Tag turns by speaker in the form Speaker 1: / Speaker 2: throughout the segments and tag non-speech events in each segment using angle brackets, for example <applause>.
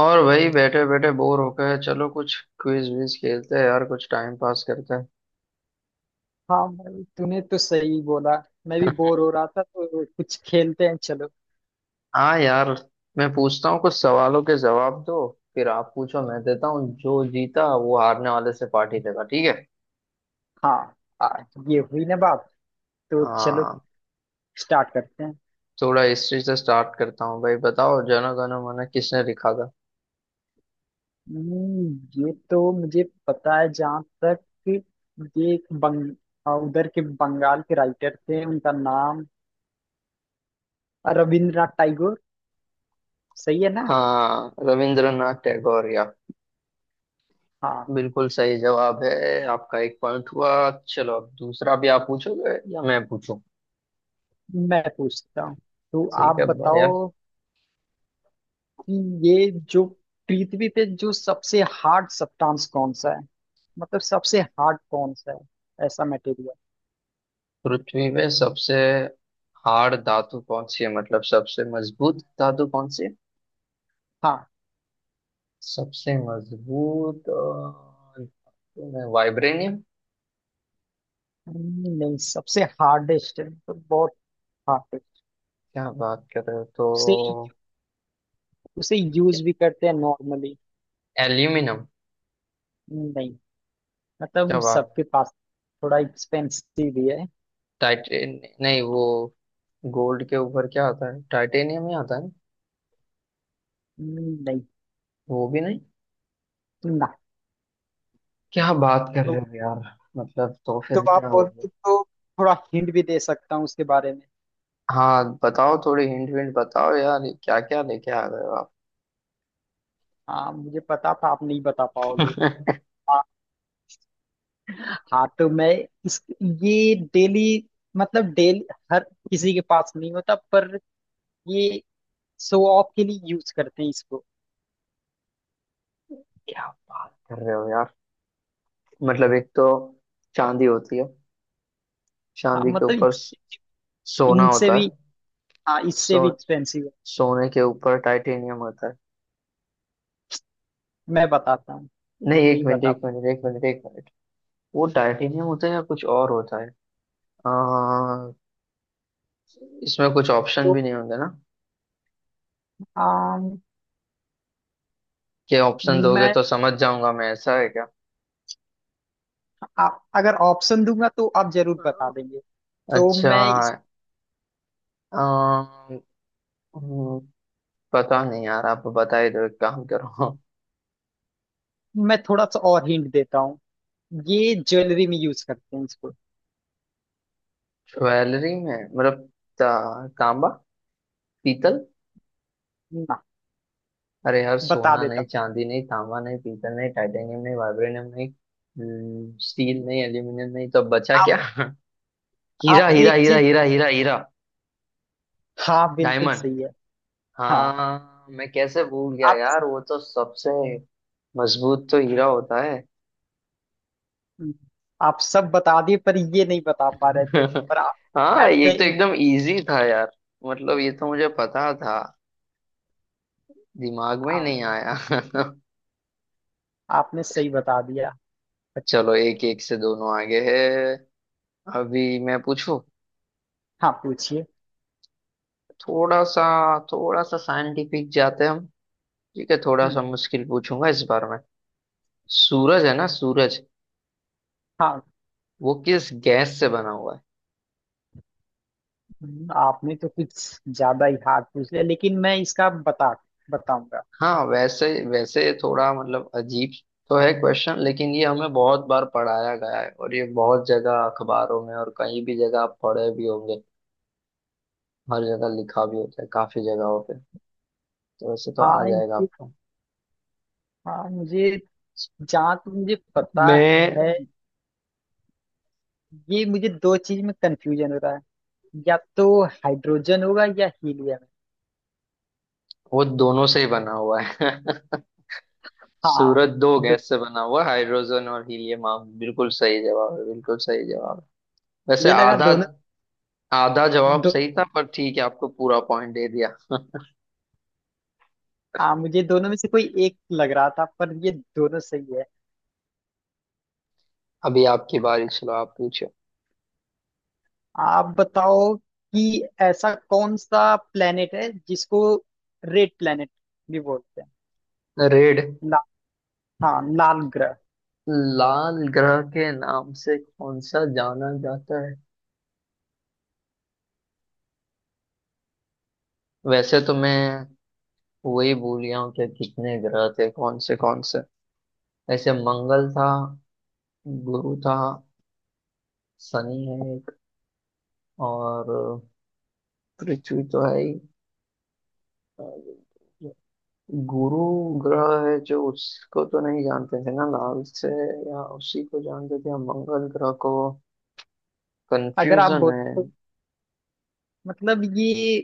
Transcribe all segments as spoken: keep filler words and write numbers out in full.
Speaker 1: और वही बैठे बैठे बोर हो गए। चलो कुछ क्विज विज खेलते हैं यार, कुछ टाइम पास करते हैं।
Speaker 2: हाँ भाई तूने तो सही बोला। मैं भी बोर हो रहा था तो कुछ खेलते हैं चलो।
Speaker 1: हाँ यार। मैं पूछता हूँ, कुछ सवालों के जवाब दो। फिर आप पूछो, मैं देता हूँ। जो जीता वो हारने वाले से पार्टी देगा, ठीक है?
Speaker 2: हाँ। आ, ये हुई ना बात। तो चलो
Speaker 1: हाँ।
Speaker 2: स्टार्ट करते हैं।
Speaker 1: थोड़ा हिस्ट्री से स्टार्ट करता हूँ भाई। बताओ, जन गण मन किसने लिखा था?
Speaker 2: हम्म, ये तो मुझे पता है जहाँ तक कि ये एक बंग आ, उधर के बंगाल के राइटर थे उनका नाम रविंद्रनाथ टैगोर। सही है ना।
Speaker 1: हाँ, रविंद्रनाथ टैगोर? या
Speaker 2: हाँ।
Speaker 1: बिल्कुल सही जवाब है। आपका एक पॉइंट हुआ। चलो, अब दूसरा भी आप पूछोगे या मैं पूछूं?
Speaker 2: मैं पूछता हूँ तो
Speaker 1: ठीक
Speaker 2: आप
Speaker 1: है, बढ़िया।
Speaker 2: बताओ कि ये जो पृथ्वी पे जो सबसे हार्ड सब्सटेंस कौन सा है। मतलब सबसे हार्ड कौन सा है ऐसा मटेरियल।
Speaker 1: पृथ्वी में सबसे हार्ड धातु कौन सी है? मतलब सबसे मजबूत धातु कौन सी है?
Speaker 2: हाँ।
Speaker 1: सबसे मजबूत अ, धातु में वाइब्रेनियम।
Speaker 2: हम्म, नहीं सबसे हार्डेस्ट है मतलब बहुत हार्ड है।
Speaker 1: क्या बात कर रहे हो
Speaker 2: उसे
Speaker 1: तो।
Speaker 2: उसे
Speaker 1: क्या-
Speaker 2: यूज भी करते हैं नॉर्मली।
Speaker 1: एल्यूमिनियम।
Speaker 2: नहीं
Speaker 1: क्या
Speaker 2: मतलब
Speaker 1: बात।
Speaker 2: सबके पास थोड़ा एक्सपेंसिव भी है।
Speaker 1: टाइटेन नहीं, वो गोल्ड के ऊपर क्या आता है? टाइटेनियम ही आता है ना?
Speaker 2: हम्म, नहीं।
Speaker 1: वो भी नहीं?
Speaker 2: ना।
Speaker 1: क्या बात कर रहे
Speaker 2: तो,
Speaker 1: हो यार। मतलब तो
Speaker 2: तो
Speaker 1: फिर
Speaker 2: आप
Speaker 1: क्या हो गया।
Speaker 2: बोलते तो थोड़ा हिंट भी दे सकता हूँ उसके बारे में।
Speaker 1: हाँ बताओ, थोड़ी हिंट विंट बताओ यार। क्या क्या लेके आ गए हो आप।
Speaker 2: हाँ मुझे पता था आप नहीं बता पाओगे।
Speaker 1: <laughs>
Speaker 2: हाँ तो मैं इस ये डेली मतलब डेली हर किसी के पास नहीं होता पर ये शो ऑफ के लिए यूज करते हैं इसको।
Speaker 1: क्या बात कर रहे हो यार। मतलब एक तो चांदी होती है,
Speaker 2: हाँ
Speaker 1: चांदी के
Speaker 2: मतलब
Speaker 1: ऊपर स-
Speaker 2: इस-
Speaker 1: सोना
Speaker 2: इनसे
Speaker 1: होता
Speaker 2: भी।
Speaker 1: है।
Speaker 2: हाँ इससे
Speaker 1: सो
Speaker 2: भी एक्सपेंसिव है।
Speaker 1: सोने के ऊपर टाइटेनियम होता है।
Speaker 2: मैं बताता हूँ।
Speaker 1: नहीं, एक
Speaker 2: नहीं
Speaker 1: मिनट
Speaker 2: बता
Speaker 1: एक मिनट एक मिनट एक मिनट वो टाइटेनियम होता है या कुछ और होता है? आ, इसमें कुछ ऑप्शन
Speaker 2: तो
Speaker 1: भी नहीं होंगे ना?
Speaker 2: आम,
Speaker 1: कि ऑप्शन दोगे
Speaker 2: मैं
Speaker 1: तो समझ जाऊंगा मैं। ऐसा है क्या?
Speaker 2: आ, अगर ऑप्शन दूंगा तो आप जरूर बता देंगे। तो
Speaker 1: अच्छा।
Speaker 2: मैं इस
Speaker 1: आ, हम्म, पता नहीं यार, आप बता ही दो, एक काम करो।
Speaker 2: मैं थोड़ा सा और हिंट देता हूँ। ये ज्वेलरी में यूज करते हैं इसको।
Speaker 1: <laughs> ज्वेलरी में मतलब ता, तांबा? पीतल?
Speaker 2: ना।
Speaker 1: अरे यार,
Speaker 2: बता
Speaker 1: सोना नहीं,
Speaker 2: देता
Speaker 1: चांदी नहीं, तांबा नहीं, पीतल नहीं, टाइटेनियम नहीं, वाइब्रेनियम नहीं, हम्म, स्टील नहीं, एल्यूमिनियम नहीं, तो बचा
Speaker 2: हूँ
Speaker 1: क्या?
Speaker 2: आप।
Speaker 1: <laughs> हीरा,
Speaker 2: आप
Speaker 1: हीरा,
Speaker 2: एक
Speaker 1: हीरा,
Speaker 2: चीज
Speaker 1: हीरा, हीरा, हीरा।
Speaker 2: हाँ बिल्कुल
Speaker 1: डायमंड।
Speaker 2: सही है। हाँ
Speaker 1: हाँ, मैं कैसे भूल गया
Speaker 2: आप।
Speaker 1: यार, वो तो सबसे मजबूत तो हीरा होता है।
Speaker 2: हम्म, आप सब बता दिए पर ये नहीं बता पा रहे थे
Speaker 1: <laughs>
Speaker 2: पर आप
Speaker 1: हाँ,
Speaker 2: एट द
Speaker 1: ये तो
Speaker 2: एंड
Speaker 1: एकदम इजी था यार। मतलब ये तो मुझे पता था, दिमाग में ही नहीं आया।
Speaker 2: आपने सही बता दिया।
Speaker 1: <laughs>
Speaker 2: बट-
Speaker 1: चलो, एक एक से दोनों आगे है। अभी मैं पूछूं।
Speaker 2: हाँ पूछिए।
Speaker 1: थोड़ा सा, थोड़ा सा साइंटिफिक जाते हैं हम। ठीक है, थोड़ा
Speaker 2: हम्म।
Speaker 1: सा मुश्किल पूछूंगा इस बार में। सूरज है ना सूरज,
Speaker 2: हाँ।
Speaker 1: वो किस गैस से बना हुआ है?
Speaker 2: हम्म, आपने तो कुछ ज्यादा ही हार्ड पूछ लिया लेकिन मैं इसका बता बताऊंगा।
Speaker 1: हाँ, वैसे वैसे थोड़ा मतलब अजीब तो है क्वेश्चन, लेकिन ये हमें बहुत बार पढ़ाया गया है, और ये बहुत जगह अखबारों में और कहीं भी जगह आप पढ़े भी होंगे। हर जगह लिखा भी होता है काफी जगहों पे, तो वैसे तो आ
Speaker 2: हाँ
Speaker 1: जाएगा
Speaker 2: ये।
Speaker 1: आपको।
Speaker 2: हाँ मुझे जहाँ तक मुझे पता है
Speaker 1: मैं,
Speaker 2: ये मुझे दो चीज में कंफ्यूजन हो रहा है। या तो हाइड्रोजन होगा या हीलियम।
Speaker 1: वो दोनों से ही बना हुआ है। <laughs>
Speaker 2: हाँ
Speaker 1: सूरज दो
Speaker 2: दो,
Speaker 1: गैस से बना हुआ है, हाइड्रोजन और हीलियम। आप बिल्कुल सही जवाब है, बिल्कुल सही जवाब है। वैसे
Speaker 2: मुझे लगा
Speaker 1: आधा,
Speaker 2: दोनों।
Speaker 1: आधा जवाब
Speaker 2: दो
Speaker 1: सही था, पर ठीक है, आपको पूरा पॉइंट दे दिया।
Speaker 2: हाँ मुझे दोनों में से कोई एक लग रहा था पर ये दोनों सही है।
Speaker 1: अभी आपकी बारी, चलो आप पूछो।
Speaker 2: आप बताओ कि ऐसा कौन सा प्लेनेट है जिसको रेड प्लेनेट भी बोलते हैं।
Speaker 1: रेड,
Speaker 2: ला, हाँ लाल ग्रह।
Speaker 1: लाल ग्रह के नाम से कौन सा जाना जाता है? वैसे तो मैं वही भूल गया हूँ कि कितने ग्रह थे, कौन से कौन से। ऐसे मंगल था, गुरु था, शनि है एक, और पृथ्वी तो है ही। गुरु ग्रह है जो, उसको तो नहीं जानते थे ना लाल से, या उसी को जानते थे या मंगल ग्रह को,
Speaker 2: अगर आप
Speaker 1: कंफ्यूजन है।
Speaker 2: बोलते मतलब ये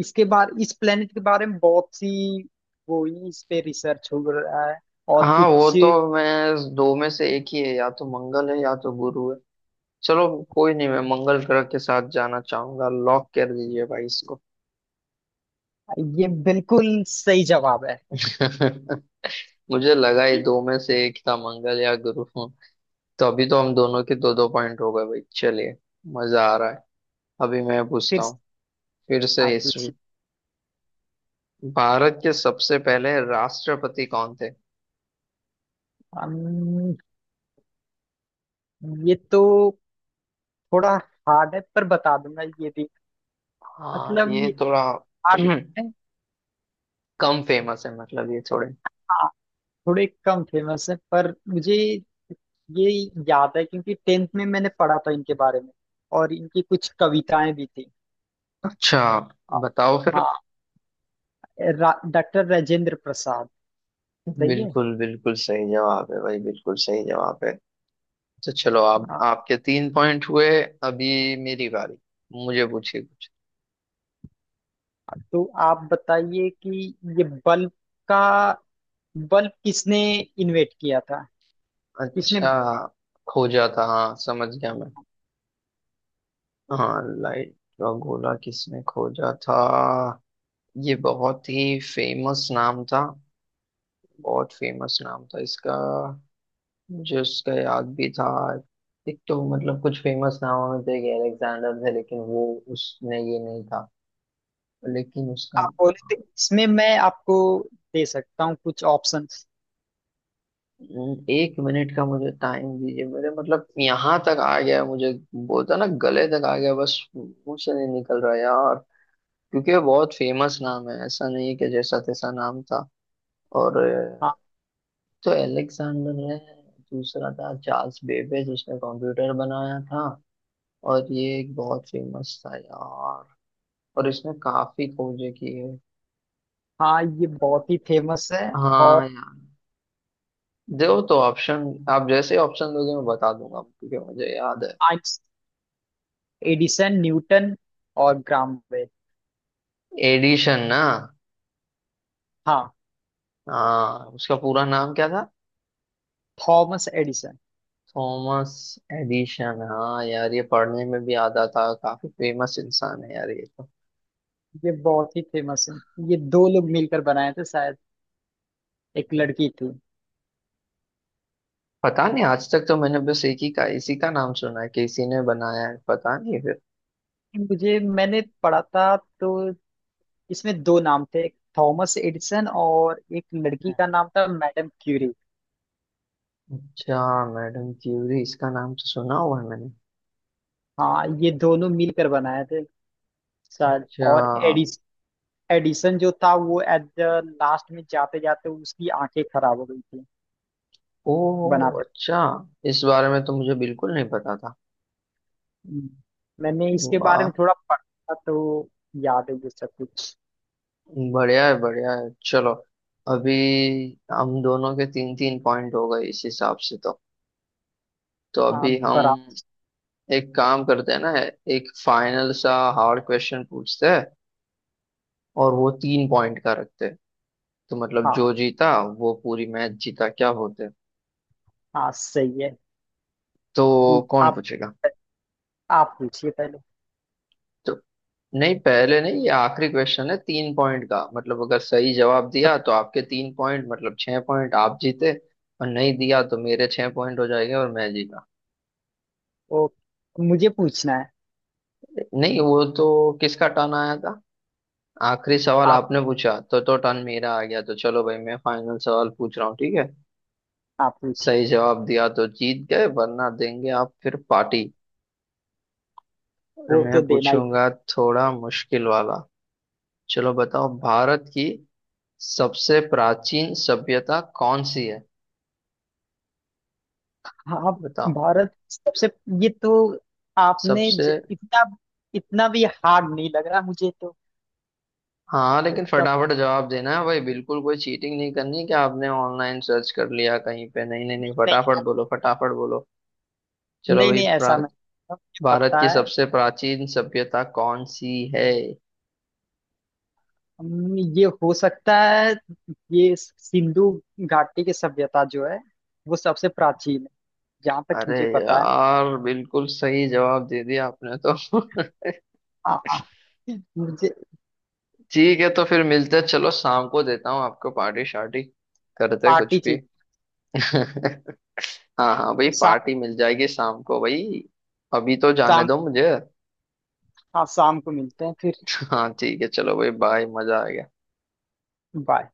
Speaker 2: इसके बारे इस प्लेनेट के बारे में बहुत सी वो हुई, इस पे रिसर्च हो रहा है और
Speaker 1: हाँ वो
Speaker 2: कुछ।
Speaker 1: तो, मैं दो में से एक ही है, या तो मंगल है या तो गुरु है। चलो, कोई नहीं, मैं मंगल ग्रह के साथ जाना चाहूंगा, लॉक कर दीजिए भाई इसको।
Speaker 2: ये बिल्कुल सही जवाब है।
Speaker 1: <laughs> मुझे लगा ही दो में से एक था, मंगल या गुरु। तो अभी तो हम दोनों के दो दो पॉइंट हो गए भाई, चलिए। मजा आ रहा है। अभी मैं पूछता
Speaker 2: फिर से।
Speaker 1: हूँ, फिर से
Speaker 2: आप
Speaker 1: हिस्ट्री।
Speaker 2: पूछिए।
Speaker 1: भारत के सबसे पहले राष्ट्रपति कौन थे?
Speaker 2: अम्म, ये तो थोड़ा हार्ड है पर बता दूंगा ये भी।
Speaker 1: हाँ,
Speaker 2: मतलब
Speaker 1: ये
Speaker 2: ये
Speaker 1: थोड़ा
Speaker 2: hard
Speaker 1: <clears throat>
Speaker 2: है।
Speaker 1: कम फेमस है, मतलब ये थोड़े।
Speaker 2: थोड़े कम फेमस है पर मुझे ये याद है क्योंकि टेंथ में मैंने पढ़ा था इनके बारे में और इनकी कुछ कविताएं भी थी।
Speaker 1: अच्छा,
Speaker 2: आ,
Speaker 1: बताओ फिर।
Speaker 2: हाँ डॉक्टर राजेंद्र प्रसाद। सही है।
Speaker 1: बिल्कुल, बिल्कुल सही जवाब है भाई, बिल्कुल सही जवाब है। तो चलो आप,
Speaker 2: आ,
Speaker 1: आपके तीन पॉइंट हुए। अभी मेरी बारी, मुझे पूछिए कुछ।
Speaker 2: तो आप बताइए कि ये बल्ब का बल्ब किसने इन्वेंट किया था। किसने।
Speaker 1: अच्छा, खोजा था, हाँ समझ गया मैं। हाँ, लाइट का गोला किसने खोजा था? ये बहुत ही फेमस नाम था, बहुत फेमस नाम था इसका, मुझे उसका याद भी था। एक तो मतलब कुछ फेमस नामों में से, एक अलेक्जेंडर थे, लेकिन वो, उसने ये नहीं था, लेकिन उसका।
Speaker 2: आप बोले थे इसमें मैं आपको दे सकता हूँ कुछ ऑप्शंस।
Speaker 1: एक मिनट का मुझे टाइम दीजिए, मेरे, मतलब यहाँ तक आ गया मुझे, बोलता ना, गले तक आ गया बस, मुंह से नहीं निकल रहा यार। क्योंकि वो बहुत फेमस नाम है, ऐसा नहीं है कि जैसा तैसा नाम था। और
Speaker 2: हाँ।
Speaker 1: अ, तो अलेक्सेंडर है, दूसरा था चार्ल्स बेबेज जिसने कंप्यूटर बनाया था, और ये एक बहुत फेमस था यार, और इसने काफी खोजें की है।
Speaker 2: हाँ ये बहुत ही फेमस है
Speaker 1: हाँ
Speaker 2: और
Speaker 1: यार, दो तो ऑप्शन, आप जैसे ऑप्शन दोगे मैं बता दूंगा, क्योंकि मुझे याद है।
Speaker 2: आइंस एडिसन न्यूटन और ग्राम।
Speaker 1: एडिशन ना?
Speaker 2: हाँ
Speaker 1: हाँ, उसका पूरा नाम क्या था?
Speaker 2: Thomas Edison.
Speaker 1: थॉमस एडिशन, हाँ यार, ये पढ़ने में भी आता था, काफी फेमस इंसान है यार ये तो।
Speaker 2: ये बहुत ही फेमस है। ये दो लोग मिलकर बनाए थे शायद। एक लड़की थी।
Speaker 1: पता नहीं, आज तक तो मैंने बस एक ही का, इसी का नाम सुना है। किसी ने बनाया है पता नहीं फिर।
Speaker 2: मुझे मैंने पढ़ा था तो इसमें दो नाम थे एक थॉमस एडिसन और एक लड़की का नाम था मैडम क्यूरी।
Speaker 1: अच्छा। मैडम क्यूरी, इसका नाम तो सुना हुआ है मैंने।
Speaker 2: हाँ ये दोनों मिलकर बनाए थे शायद
Speaker 1: अच्छा।
Speaker 2: और एडिस एडिसन जो था वो एट द लास्ट में जाते जाते उसकी आंखें खराब हो गई थी।
Speaker 1: ओ।
Speaker 2: बनाते
Speaker 1: अच्छा, इस बारे में तो मुझे बिल्कुल नहीं पता था।
Speaker 2: हम्म। मैंने इसके बारे
Speaker 1: वाह,
Speaker 2: में थोड़ा पढ़ा था, तो याद है ये सब कुछ।
Speaker 1: बढ़िया है, बढ़िया है, चलो। अभी हम दोनों के तीन तीन पॉइंट हो गए इस हिसाब से तो। तो
Speaker 2: हाँ
Speaker 1: अभी हम
Speaker 2: बराबर।
Speaker 1: एक काम करते हैं ना, एक फाइनल सा हार्ड क्वेश्चन पूछते हैं, और वो तीन पॉइंट का रखते हैं। तो मतलब जो
Speaker 2: हाँ,
Speaker 1: जीता वो पूरी मैच जीता, क्या होते हैं।
Speaker 2: हाँ सही है।
Speaker 1: तो
Speaker 2: पूछ
Speaker 1: कौन
Speaker 2: आप।
Speaker 1: पूछेगा?
Speaker 2: आप पूछिए पहले।
Speaker 1: तो नहीं, पहले नहीं, ये आखिरी क्वेश्चन है तीन पॉइंट का। मतलब अगर सही जवाब दिया तो आपके तीन पॉइंट, मतलब छह पॉइंट, आप जीते। और नहीं दिया तो मेरे छह पॉइंट हो जाएंगे, और मैं जीता।
Speaker 2: वो मुझे पूछना है।
Speaker 1: नहीं वो तो, किसका टर्न आया था? आखिरी सवाल
Speaker 2: आप
Speaker 1: आपने पूछा, तो तो टर्न मेरा आ गया। तो चलो भाई मैं फाइनल सवाल पूछ रहा हूँ, ठीक है?
Speaker 2: आप पूछिए।
Speaker 1: सही जवाब दिया तो जीत गए, वरना देंगे आप फिर पार्टी। और
Speaker 2: वो तो
Speaker 1: मैं
Speaker 2: देना ही
Speaker 1: पूछूंगा थोड़ा मुश्किल वाला। चलो बताओ, भारत की सबसे प्राचीन सभ्यता कौन सी है?
Speaker 2: पड़ेगा। आप
Speaker 1: बताओ,
Speaker 2: भारत सबसे ये तो आपने
Speaker 1: सबसे।
Speaker 2: ज, इतना इतना भी हार्ड नहीं लग रहा मुझे तो।
Speaker 1: हाँ, लेकिन
Speaker 2: सब।
Speaker 1: फटाफट जवाब देना है भाई, बिल्कुल कोई चीटिंग नहीं करनी कि आपने ऑनलाइन सर्च कर लिया कहीं पे, नहीं नहीं नहीं, फटाफट
Speaker 2: नहीं
Speaker 1: बोलो, फटाफट बोलो। चलो
Speaker 2: नहीं
Speaker 1: भाई,
Speaker 2: नहीं
Speaker 1: प्रा
Speaker 2: ऐसा मैं मुझे
Speaker 1: भारत
Speaker 2: पता
Speaker 1: की
Speaker 2: है।
Speaker 1: सबसे प्राचीन सभ्यता कौन सी है?
Speaker 2: हम- ये हो सकता है। ये सिंधु घाटी की सभ्यता जो है वो सबसे प्राचीन है जहाँ तक
Speaker 1: अरे
Speaker 2: मुझे पता है।
Speaker 1: यार, बिल्कुल सही जवाब दे दिया आपने तो। <laughs>
Speaker 2: हाँ हाँ। मुझे
Speaker 1: ठीक है तो फिर मिलते हैं। चलो शाम को देता हूँ आपको पार्टी शार्टी, करते हैं
Speaker 2: पार्टी
Speaker 1: कुछ भी।
Speaker 2: चाहिए।
Speaker 1: <laughs> हाँ हाँ भाई,
Speaker 2: तो
Speaker 1: पार्टी मिल जाएगी शाम को भाई। अभी तो
Speaker 2: सा,
Speaker 1: जाने दो मुझे।
Speaker 2: हाँ शाम को मिलते हैं फिर।
Speaker 1: <laughs> हाँ ठीक है, चलो भाई बाय, मजा आ गया।
Speaker 2: बाय।